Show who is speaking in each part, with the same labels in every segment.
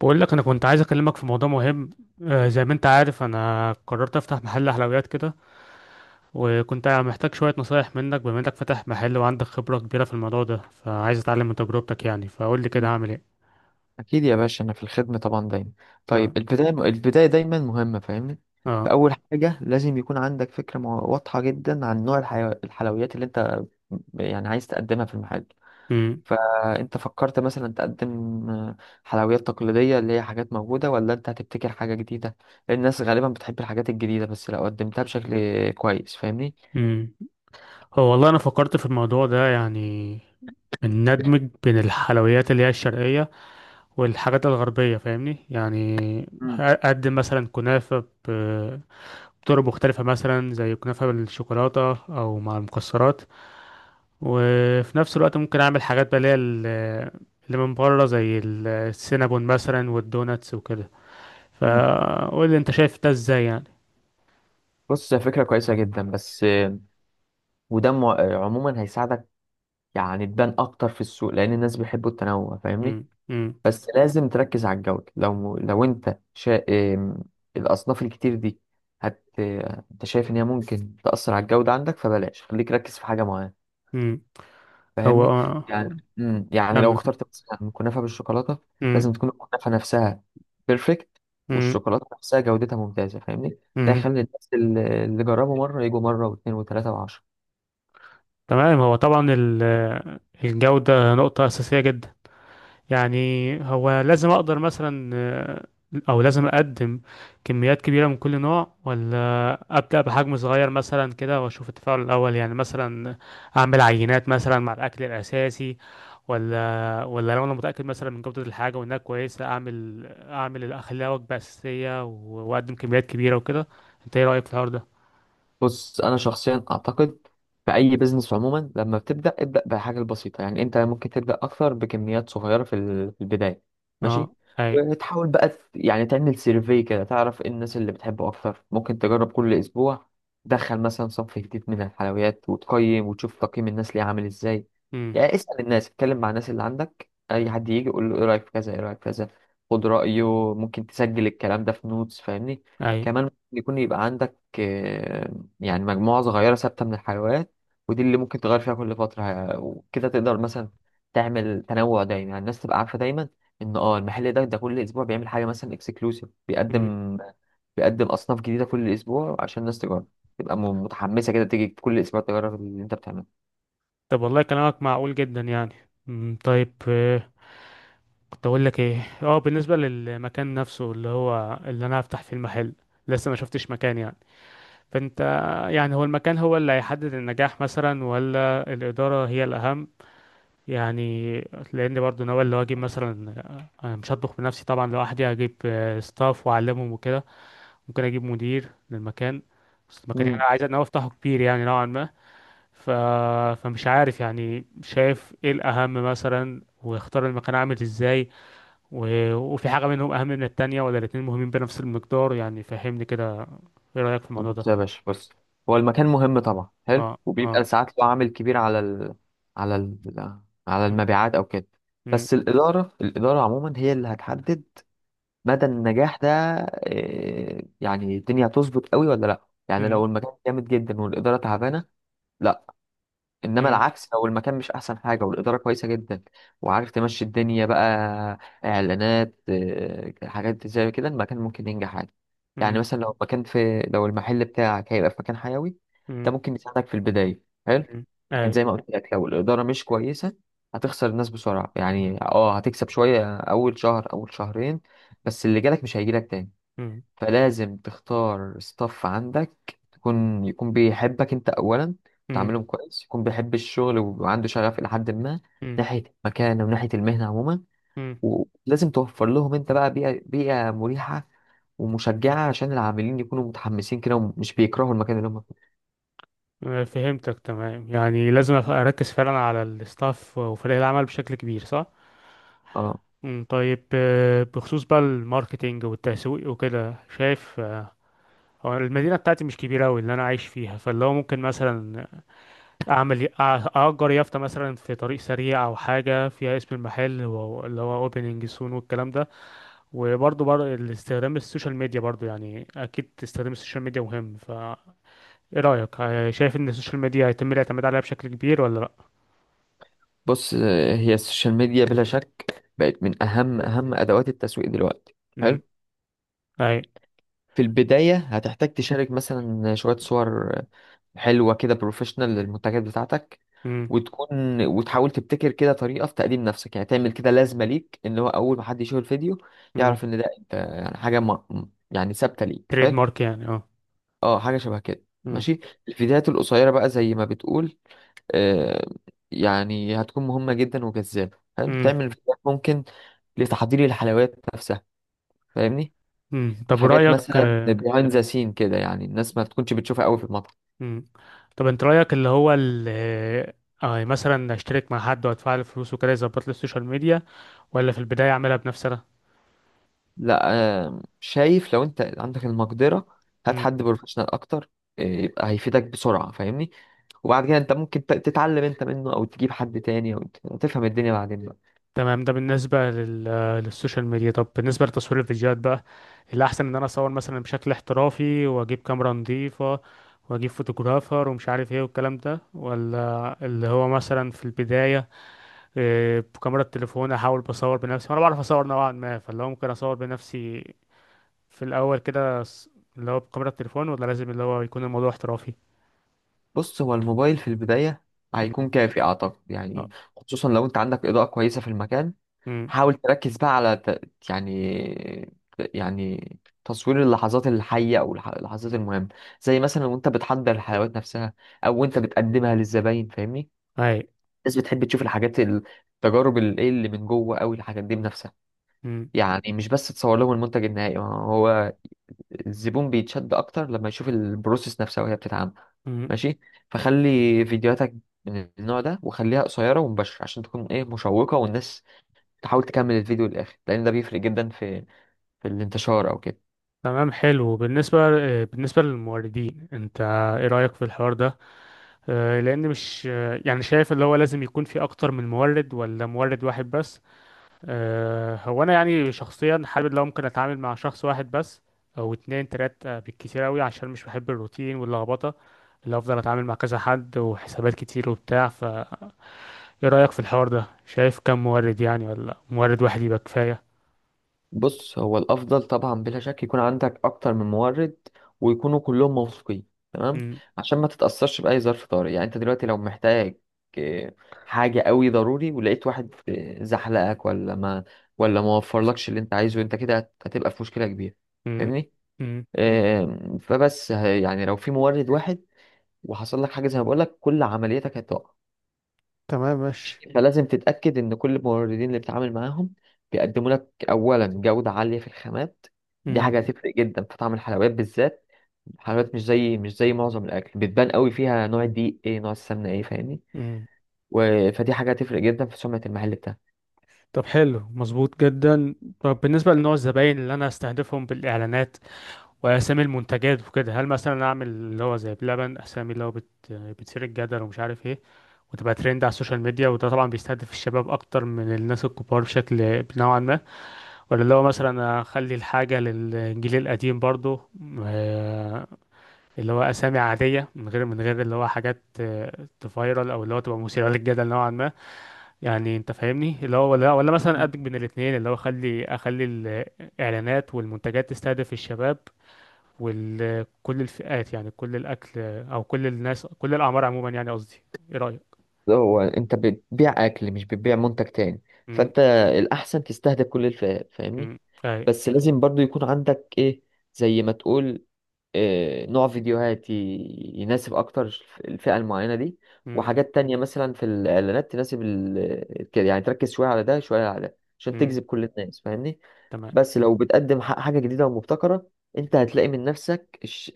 Speaker 1: بقول لك انا كنت عايز اكلمك في موضوع مهم. زي ما انت عارف انا قررت افتح محل حلويات كده، وكنت محتاج شوية نصايح منك بما انك فاتح محل وعندك خبرة كبيرة في الموضوع ده، فعايز اتعلم من تجربتك يعني. فقول لي كده
Speaker 2: مم.
Speaker 1: هعمل ايه؟
Speaker 2: أكيد يا باشا، أنا في الخدمة طبعا دايما.
Speaker 1: اه.
Speaker 2: طيب، البداية دايما مهمة، فاهمني؟
Speaker 1: اه.
Speaker 2: فأول حاجة لازم يكون عندك فكرة واضحة جدا عن نوع الحلويات اللي أنت يعني عايز تقدمها في المحل.
Speaker 1: امم.
Speaker 2: فأنت فكرت مثلا تقدم حلويات تقليدية اللي هي حاجات موجودة، ولا أنت هتبتكر حاجة جديدة؟ الناس غالبا بتحب الحاجات الجديدة، بس لو قدمتها بشكل كويس، فاهمني؟
Speaker 1: امم. هو والله انا فكرت في الموضوع ده يعني، ان ندمج بين الحلويات اللي هي الشرقية والحاجات الغربية فاهمني يعني.
Speaker 2: مم.
Speaker 1: اقدم مثلا كنافة ب- بطرق مختلفة، مثلا زي كنافة بالشوكولاتة أو مع المكسرات. وفي نفس الوقت ممكن اعمل حاجات بقى اللي هي اللي من بره، زي السينابون مثلا والدوناتس وكده.
Speaker 2: مم.
Speaker 1: فقول لي انت شايف ده ازاي يعني؟
Speaker 2: بص، هي فكرة كويسة جدا، بس وده عموما هيساعدك يعني تبان اكتر في السوق، لان الناس بيحبوا التنوع، فاهمني؟
Speaker 1: امم. امم.
Speaker 2: بس لازم تركز على الجودة. لو انت شا... إم، الاصناف الكتير دي هت انت شايف ان هي ممكن تأثر على الجودة عندك، فبلاش، خليك ركز في حاجة معينة،
Speaker 1: امم. هو
Speaker 2: فاهمني؟ يعني يعني لو
Speaker 1: كمل.
Speaker 2: اخترت مثلا كنافة بالشوكولاتة، لازم
Speaker 1: امم.
Speaker 2: تكون الكنافة نفسها بيرفكت،
Speaker 1: امم.
Speaker 2: والشوكولاتة نفسها جودتها ممتازة، فاهمني؟ ده
Speaker 1: امم.
Speaker 2: يخلي الناس اللي جربوا مرة يجوا مرة واثنين وثلاثة وعشرة.
Speaker 1: تمام، هو طبعا الجودة نقطة أساسية جدا يعني. هو لازم اقدر مثلا، او لازم اقدم كميات كبيرة من كل نوع، ولا ابدأ بحجم صغير مثلا كده واشوف التفاعل الاول يعني، مثلا اعمل عينات مثلا مع الاكل الاساسي، ولا لو انا متأكد مثلا من جودة الحاجة وانها كويسة اعمل اخليها وجبة اساسية واقدم كميات كبيرة وكده. انت ايه رأيك في الحوار ده؟
Speaker 2: بص، انا شخصيا اعتقد في اي بيزنس عموما لما بتبدا ابدا بحاجه بسيطه، يعني انت ممكن تبدا اكتر بكميات صغيره في في البدايه. ماشي؟
Speaker 1: اه. اي.
Speaker 2: وتحاول بقى يعني تعمل سيرفي كده، تعرف ايه الناس اللي بتحبه اكتر. ممكن تجرب كل اسبوع تدخل مثلا صنف جديد من الحلويات، وتقيم وتشوف تقييم الناس ليه عامل ازاي.
Speaker 1: امم.
Speaker 2: يعني اسال الناس، اتكلم مع الناس اللي عندك، اي حد يجي قول له ايه رايك في كذا، ايه رايك في كذا، خد رايه. ممكن تسجل الكلام ده في نوتس، فاهمني؟
Speaker 1: اي.
Speaker 2: كمان ممكن يكون يبقى عندك يعني مجموعة صغيرة ثابتة من الحيوانات، ودي اللي ممكن تغير فيها كل فترة وكده تقدر مثلا تعمل تنوع دايما. يعني الناس تبقى عارفة دايما إن اه المحل ده كل أسبوع بيعمل حاجة مثلا اكسكلوسيف،
Speaker 1: امم.
Speaker 2: بيقدم بيقدم أصناف جديدة كل أسبوع عشان الناس تجرب، تبقى متحمسة كده تيجي كل أسبوع تجرب اللي أنت بتعمله.
Speaker 1: طب والله كلامك معقول جدا يعني. امم. طيب، كنت اقول لك ايه، بالنسبه للمكان نفسه اللي هو اللي انا هفتح فيه المحل، لسه ما شفتش مكان يعني. فانت يعني، هو المكان هو اللي هيحدد النجاح مثلا ولا الاداره هي الاهم يعني؟ لان برضو ناوي اللي هو اجيب مثلا، أنا مش هطبخ بنفسي طبعا لوحدي، هجيب ستاف واعلمهم وكده، ممكن اجيب مدير للمكان. بس المكان يعني
Speaker 2: امم.
Speaker 1: انا عايز انا افتحه كبير يعني نوعا ما. ف... فمش عارف يعني، شايف ايه الاهم مثلا واختار المكان عامل ازاي، وفي حاجة منهم أهم من التانية ولا الاتنين مهمين بنفس المقدار يعني؟ فهمني كده، إيه رأيك في الموضوع
Speaker 2: بص يا
Speaker 1: ده؟
Speaker 2: باشا، بص، هو المكان مهم طبعا، حلو،
Speaker 1: اه.
Speaker 2: وبيبقى
Speaker 1: اه.
Speaker 2: ساعات له عامل كبير على ال... على ال... على
Speaker 1: أمم.
Speaker 2: المبيعات أو كده.
Speaker 1: أمم.
Speaker 2: بس الإدارة، الإدارة عموما هي اللي هتحدد مدى النجاح ده، يعني الدنيا هتظبط قوي ولا لا. يعني
Speaker 1: أمم.
Speaker 2: لو المكان جامد جدا والإدارة تعبانة، لا. انما
Speaker 1: أمم.
Speaker 2: العكس، لو المكان مش احسن حاجه والاداره كويسه جدا وعارف تمشي الدنيا بقى، اعلانات حاجات زي كده، المكان ممكن ينجح عادي. يعني
Speaker 1: أمم.
Speaker 2: مثلا لو المكان في، لو المحل بتاعك هيبقى في مكان حيوي،
Speaker 1: أمم.
Speaker 2: ده ممكن يساعدك في البدايه، حلو.
Speaker 1: أمم.
Speaker 2: لكن
Speaker 1: أي.
Speaker 2: زي ما قلت لك، لو الاداره مش كويسه، هتخسر الناس بسرعه، يعني اه هتكسب شويه اول شهر اول شهرين، بس اللي جالك مش هيجيلك تاني.
Speaker 1: أمم.
Speaker 2: فلازم تختار ستاف عندك، يكون بيحبك انت اولا،
Speaker 1: أمم.
Speaker 2: تعاملهم كويس، يكون بيحب الشغل وعنده شغف الى حد ما
Speaker 1: أمم.
Speaker 2: ناحيه المكان وناحيه المهنه عموما.
Speaker 1: أمم.
Speaker 2: ولازم توفر لهم انت بقى بيئه مريحه ومشجعه، عشان العاملين يكونوا متحمسين كده ومش بيكرهوا المكان اللي هم فيه.
Speaker 1: فهمتك تمام يعني، لازم أركز فعلا على الستاف وفريق العمل بشكل كبير، صح؟
Speaker 2: اه.
Speaker 1: أمم. طيب، بخصوص بقى الماركتينج والتسويق وكده، شايف هو المدينة بتاعتي مش كبيرة أوي اللي أنا عايش فيها، فاللي هو ممكن مثلا اعمل اجر يافطه مثلا في طريق سريع او حاجه فيها اسم المحل، اللي هو اوبننج سون والكلام ده. وبرضه استخدام السوشيال ميديا برضه يعني، اكيد استخدام السوشيال ميديا مهم. ف ايه رايك، شايف ان السوشيال ميديا هيتم الاعتماد عليها بشكل كبير ولا لا؟
Speaker 2: بص، هي السوشيال ميديا بلا شك بقت من اهم ادوات التسويق دلوقتي، حلو.
Speaker 1: امم. اي.
Speaker 2: في البداية هتحتاج تشارك مثلا شوية صور حلوة كده بروفيشنال للمنتجات بتاعتك،
Speaker 1: امم.
Speaker 2: وتكون وتحاول تبتكر كده طريقة في تقديم نفسك. يعني تعمل كده لازمة ليك، ان هو اول ما حد يشوف الفيديو
Speaker 1: امم.
Speaker 2: يعرف ان ده انت، يعني حاجة ما، يعني ثابتة ليك،
Speaker 1: تريد
Speaker 2: حلو.
Speaker 1: مارك يعني، اه.
Speaker 2: اه حاجة شبه كده،
Speaker 1: امم.
Speaker 2: ماشي. الفيديوهات القصيرة بقى، زي ما بتقول، آه، يعني هتكون مهمة جدا وجذابة، حلو.
Speaker 1: امم.
Speaker 2: تعمل فيديوهات ممكن لتحضير الحلويات نفسها، فاهمني؟
Speaker 1: امم. طب
Speaker 2: حاجات
Speaker 1: رايك،
Speaker 2: مثلا بيهايند ذا سين كده، يعني الناس ما تكونش بتشوفها قوي في المطعم.
Speaker 1: امم، طب انت رايك اللي هو مثلا اشترك مع حد وادفع له فلوس وكده يظبط لي السوشيال ميديا، ولا في البدايه اعملها بنفسي انا؟
Speaker 2: لا، شايف لو انت عندك المقدرة، هات
Speaker 1: مم.
Speaker 2: حد بروفيشنال اكتر، يبقى هيفيدك بسرعة، فاهمني؟ وبعد كده انت ممكن تتعلم انت منه، او تجيب حد تاني، او تفهم الدنيا بعدين بقى.
Speaker 1: تمام، ده بالنسبة للسوشيال ميديا. طب بالنسبة لتصوير الفيديوهات بقى، الأحسن إن أنا أصور مثلا بشكل احترافي وأجيب كاميرا نظيفة وأجيب فوتوغرافر ومش عارف إيه والكلام ده، ولا اللي هو مثلا في البداية بكاميرا التليفون أحاول بصور بنفسي، وأنا بعرف أصور نوعا ما، فاللي هو ممكن أصور بنفسي في الأول كده، اللي هو بكاميرا التليفون، ولا لازم اللي هو يكون الموضوع احترافي؟
Speaker 2: بص، هو الموبايل في البداية
Speaker 1: مم.
Speaker 2: هيكون كافي اعتقد،
Speaker 1: أه.
Speaker 2: يعني خصوصا لو انت عندك اضاءة كويسة في المكان.
Speaker 1: مم.
Speaker 2: حاول تركز بقى على ت... يعني، يعني تصوير اللحظات الحية، او اللحظات المهمة، زي مثلا وانت بتحضر الحلويات نفسها، او وانت بتقدمها للزباين، فاهمني؟
Speaker 1: أي.
Speaker 2: الناس بتحب تشوف الحاجات، التجارب، الايه، اللي من جوه قوي، الحاجات دي بنفسها.
Speaker 1: مم.
Speaker 2: يعني مش بس تصور لهم المنتج النهائي، هو الزبون بيتشد اكتر لما يشوف البروسيس نفسها وهي بتتعمل،
Speaker 1: مم.
Speaker 2: ماشي. فخلي فيديوهاتك من النوع ده، وخليها قصيرة ومباشرة عشان تكون ايه مشوقة، والناس تحاول تكمل الفيديو للآخر، لأن ده بيفرق جدا في في الانتشار أو كده.
Speaker 1: تمام، حلو. بالنسبة، بالنسبة للموردين انت ايه رأيك في الحوار ده؟ لان مش، يعني شايف اللي هو لازم يكون في اكتر من مورد ولا مورد واحد بس؟ هو انا يعني شخصيا حابب لو ممكن اتعامل مع شخص واحد بس، او اتنين تلات بالكتير قوي، عشان مش بحب الروتين واللخبطة اللي افضل اتعامل مع كذا حد وحسابات كتير وبتاع. فايه رأيك في الحوار ده، شايف كم مورد يعني، ولا مورد واحد يبقى كفاية؟
Speaker 2: بص، هو الافضل طبعا بلا شك يكون عندك اكتر من مورد، ويكونوا كلهم موثوقين، تمام.
Speaker 1: مم.
Speaker 2: عشان ما تتاثرش باي ظرف طارئ. يعني انت دلوقتي لو محتاج آه، حاجه قوي ضروري، ولقيت واحد زحلقك ولا ما وفرلكش اللي انت عايزه، انت كده هتبقى في مشكله كبيره،
Speaker 1: مم.
Speaker 2: فاهمني؟
Speaker 1: مم.
Speaker 2: فبس يعني لو في مورد واحد وحصل لك حاجه زي ما بقول لك، كل عملياتك هتقع.
Speaker 1: تمام، ماشي.
Speaker 2: فلازم تتأكد إن كل الموردين اللي بتتعامل معاهم بيقدموا لك أولا جودة عالية في الخامات، دي
Speaker 1: مم.
Speaker 2: حاجة هتفرق جدا في طعم الحلويات. بالذات الحلويات، مش زي، مش زي معظم الأكل، بتبان قوي فيها نوع الدقيق إيه، نوع السمنة إيه، فاهمني؟
Speaker 1: مم.
Speaker 2: و... فدي حاجة هتفرق جدا في سمعة المحل بتاعك.
Speaker 1: طب حلو، مظبوط جدا. طب بالنسبة لنوع الزباين اللي أنا أستهدفهم بالإعلانات وأسامي المنتجات وكده، هل مثلا أعمل اللي هو زي بلبن أسامي اللي هو بتثير الجدل ومش عارف إيه وتبقى ترند على السوشيال ميديا، وده طبعا بيستهدف الشباب أكتر من الناس الكبار بشكل نوعا ما، ولا اللي هو مثلا أخلي الحاجة للجيل القديم برضه، آه، اللي هو أسامي عادية من غير اللي هو حاجات تفايرل، أو اللي هو تبقى مثيرة للجدل نوعا ما، يعني انت فاهمني اللي هو؟ ولا مثلا ادمج بين الاثنين، اللي هو اخلي الاعلانات والمنتجات تستهدف الشباب وكل الفئات، يعني كل الاكل او كل الناس كل الاعمار عموما يعني قصدي. ايه رايك؟
Speaker 2: هو أنت بتبيع أكل، مش بتبيع منتج تاني،
Speaker 1: امم.
Speaker 2: فأنت الأحسن تستهدف كل الفئات، فاهمني؟
Speaker 1: امم. اي.
Speaker 2: بس لازم برضو يكون عندك ايه، زي ما تقول، إيه نوع فيديوهات يناسب اكتر الفئة المعينة دي،
Speaker 1: امم.
Speaker 2: وحاجات تانية مثلا في الاعلانات تناسب ال... كده. يعني تركز شوية على ده شوية على ده، عشان
Speaker 1: امم.
Speaker 2: تجذب كل الناس، فاهمني؟
Speaker 1: تمام.
Speaker 2: بس لو بتقدم حاجة جديدة ومبتكرة، انت هتلاقي من نفسك الش...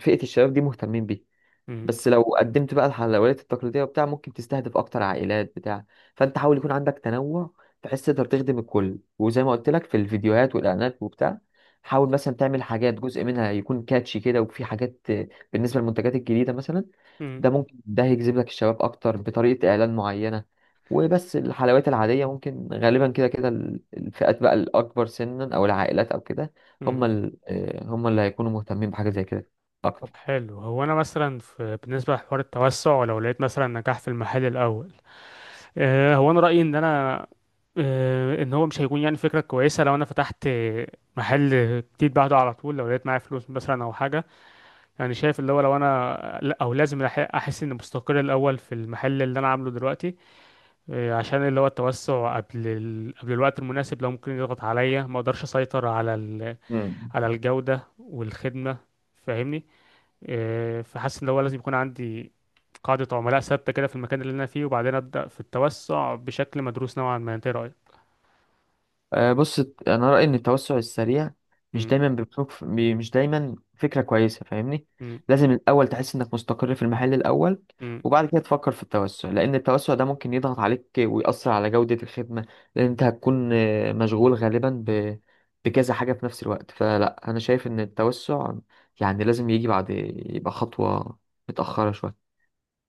Speaker 2: فئة الشباب دي مهتمين بيها.
Speaker 1: امم.
Speaker 2: بس لو قدمت بقى الحلويات التقليدية وبتاع، ممكن تستهدف أكتر عائلات بتاع فأنت حاول يكون عندك تنوع، بحيث تقدر تخدم الكل. وزي ما قلت لك في الفيديوهات والإعلانات وبتاع، حاول مثلا تعمل حاجات جزء منها يكون كاتشي كده، وفي حاجات، بالنسبة للمنتجات الجديدة مثلا،
Speaker 1: امم.
Speaker 2: ده ممكن هيجذب لك الشباب أكتر بطريقة إعلان معينة. وبس الحلويات العادية ممكن غالبا كده كده الفئات بقى الأكبر سنا، أو العائلات أو كده، هم
Speaker 1: امم.
Speaker 2: هم اللي هيكونوا مهتمين بحاجة زي كده
Speaker 1: طب حلو. هو انا مثلا في، بالنسبه لحوار التوسع لو لقيت مثلا نجاح في المحل الاول، هو انا رايي ان انا، ان هو مش هيكون يعني فكره كويسه لو انا فتحت محل جديد بعده على طول، لو لقيت معايا فلوس مثلا او حاجه. يعني شايف اللي هو، لو انا لا، او لازم احس اني مستقر الاول في المحل اللي انا عامله دلوقتي، عشان اللي هو التوسع قبل قبل الوقت المناسب لو ممكن يضغط عليا ما اقدرش اسيطر على
Speaker 2: أكتر.
Speaker 1: على الجوده والخدمه، فاهمني. إيه، فحاسس ان هو لازم يكون عندي قاعدة عملاء ثابتة كده في المكان اللي انا فيه، وبعدين ابدأ في التوسع بشكل مدروس نوعا ما. انت إيه رأيك؟
Speaker 2: بص، انا رايي ان التوسع السريع
Speaker 1: مم.
Speaker 2: مش دايما فكره كويسه، فاهمني؟
Speaker 1: مم.
Speaker 2: لازم الاول تحس انك مستقر في المحل الاول،
Speaker 1: مم.
Speaker 2: وبعد كده تفكر في التوسع، لان التوسع ده ممكن يضغط عليك ويأثر على جوده الخدمه، لان انت هتكون مشغول غالبا ب... بكذا حاجه في نفس الوقت. فلا، انا شايف ان التوسع يعني لازم يجي بعد، يبقى خطوه متاخره شويه.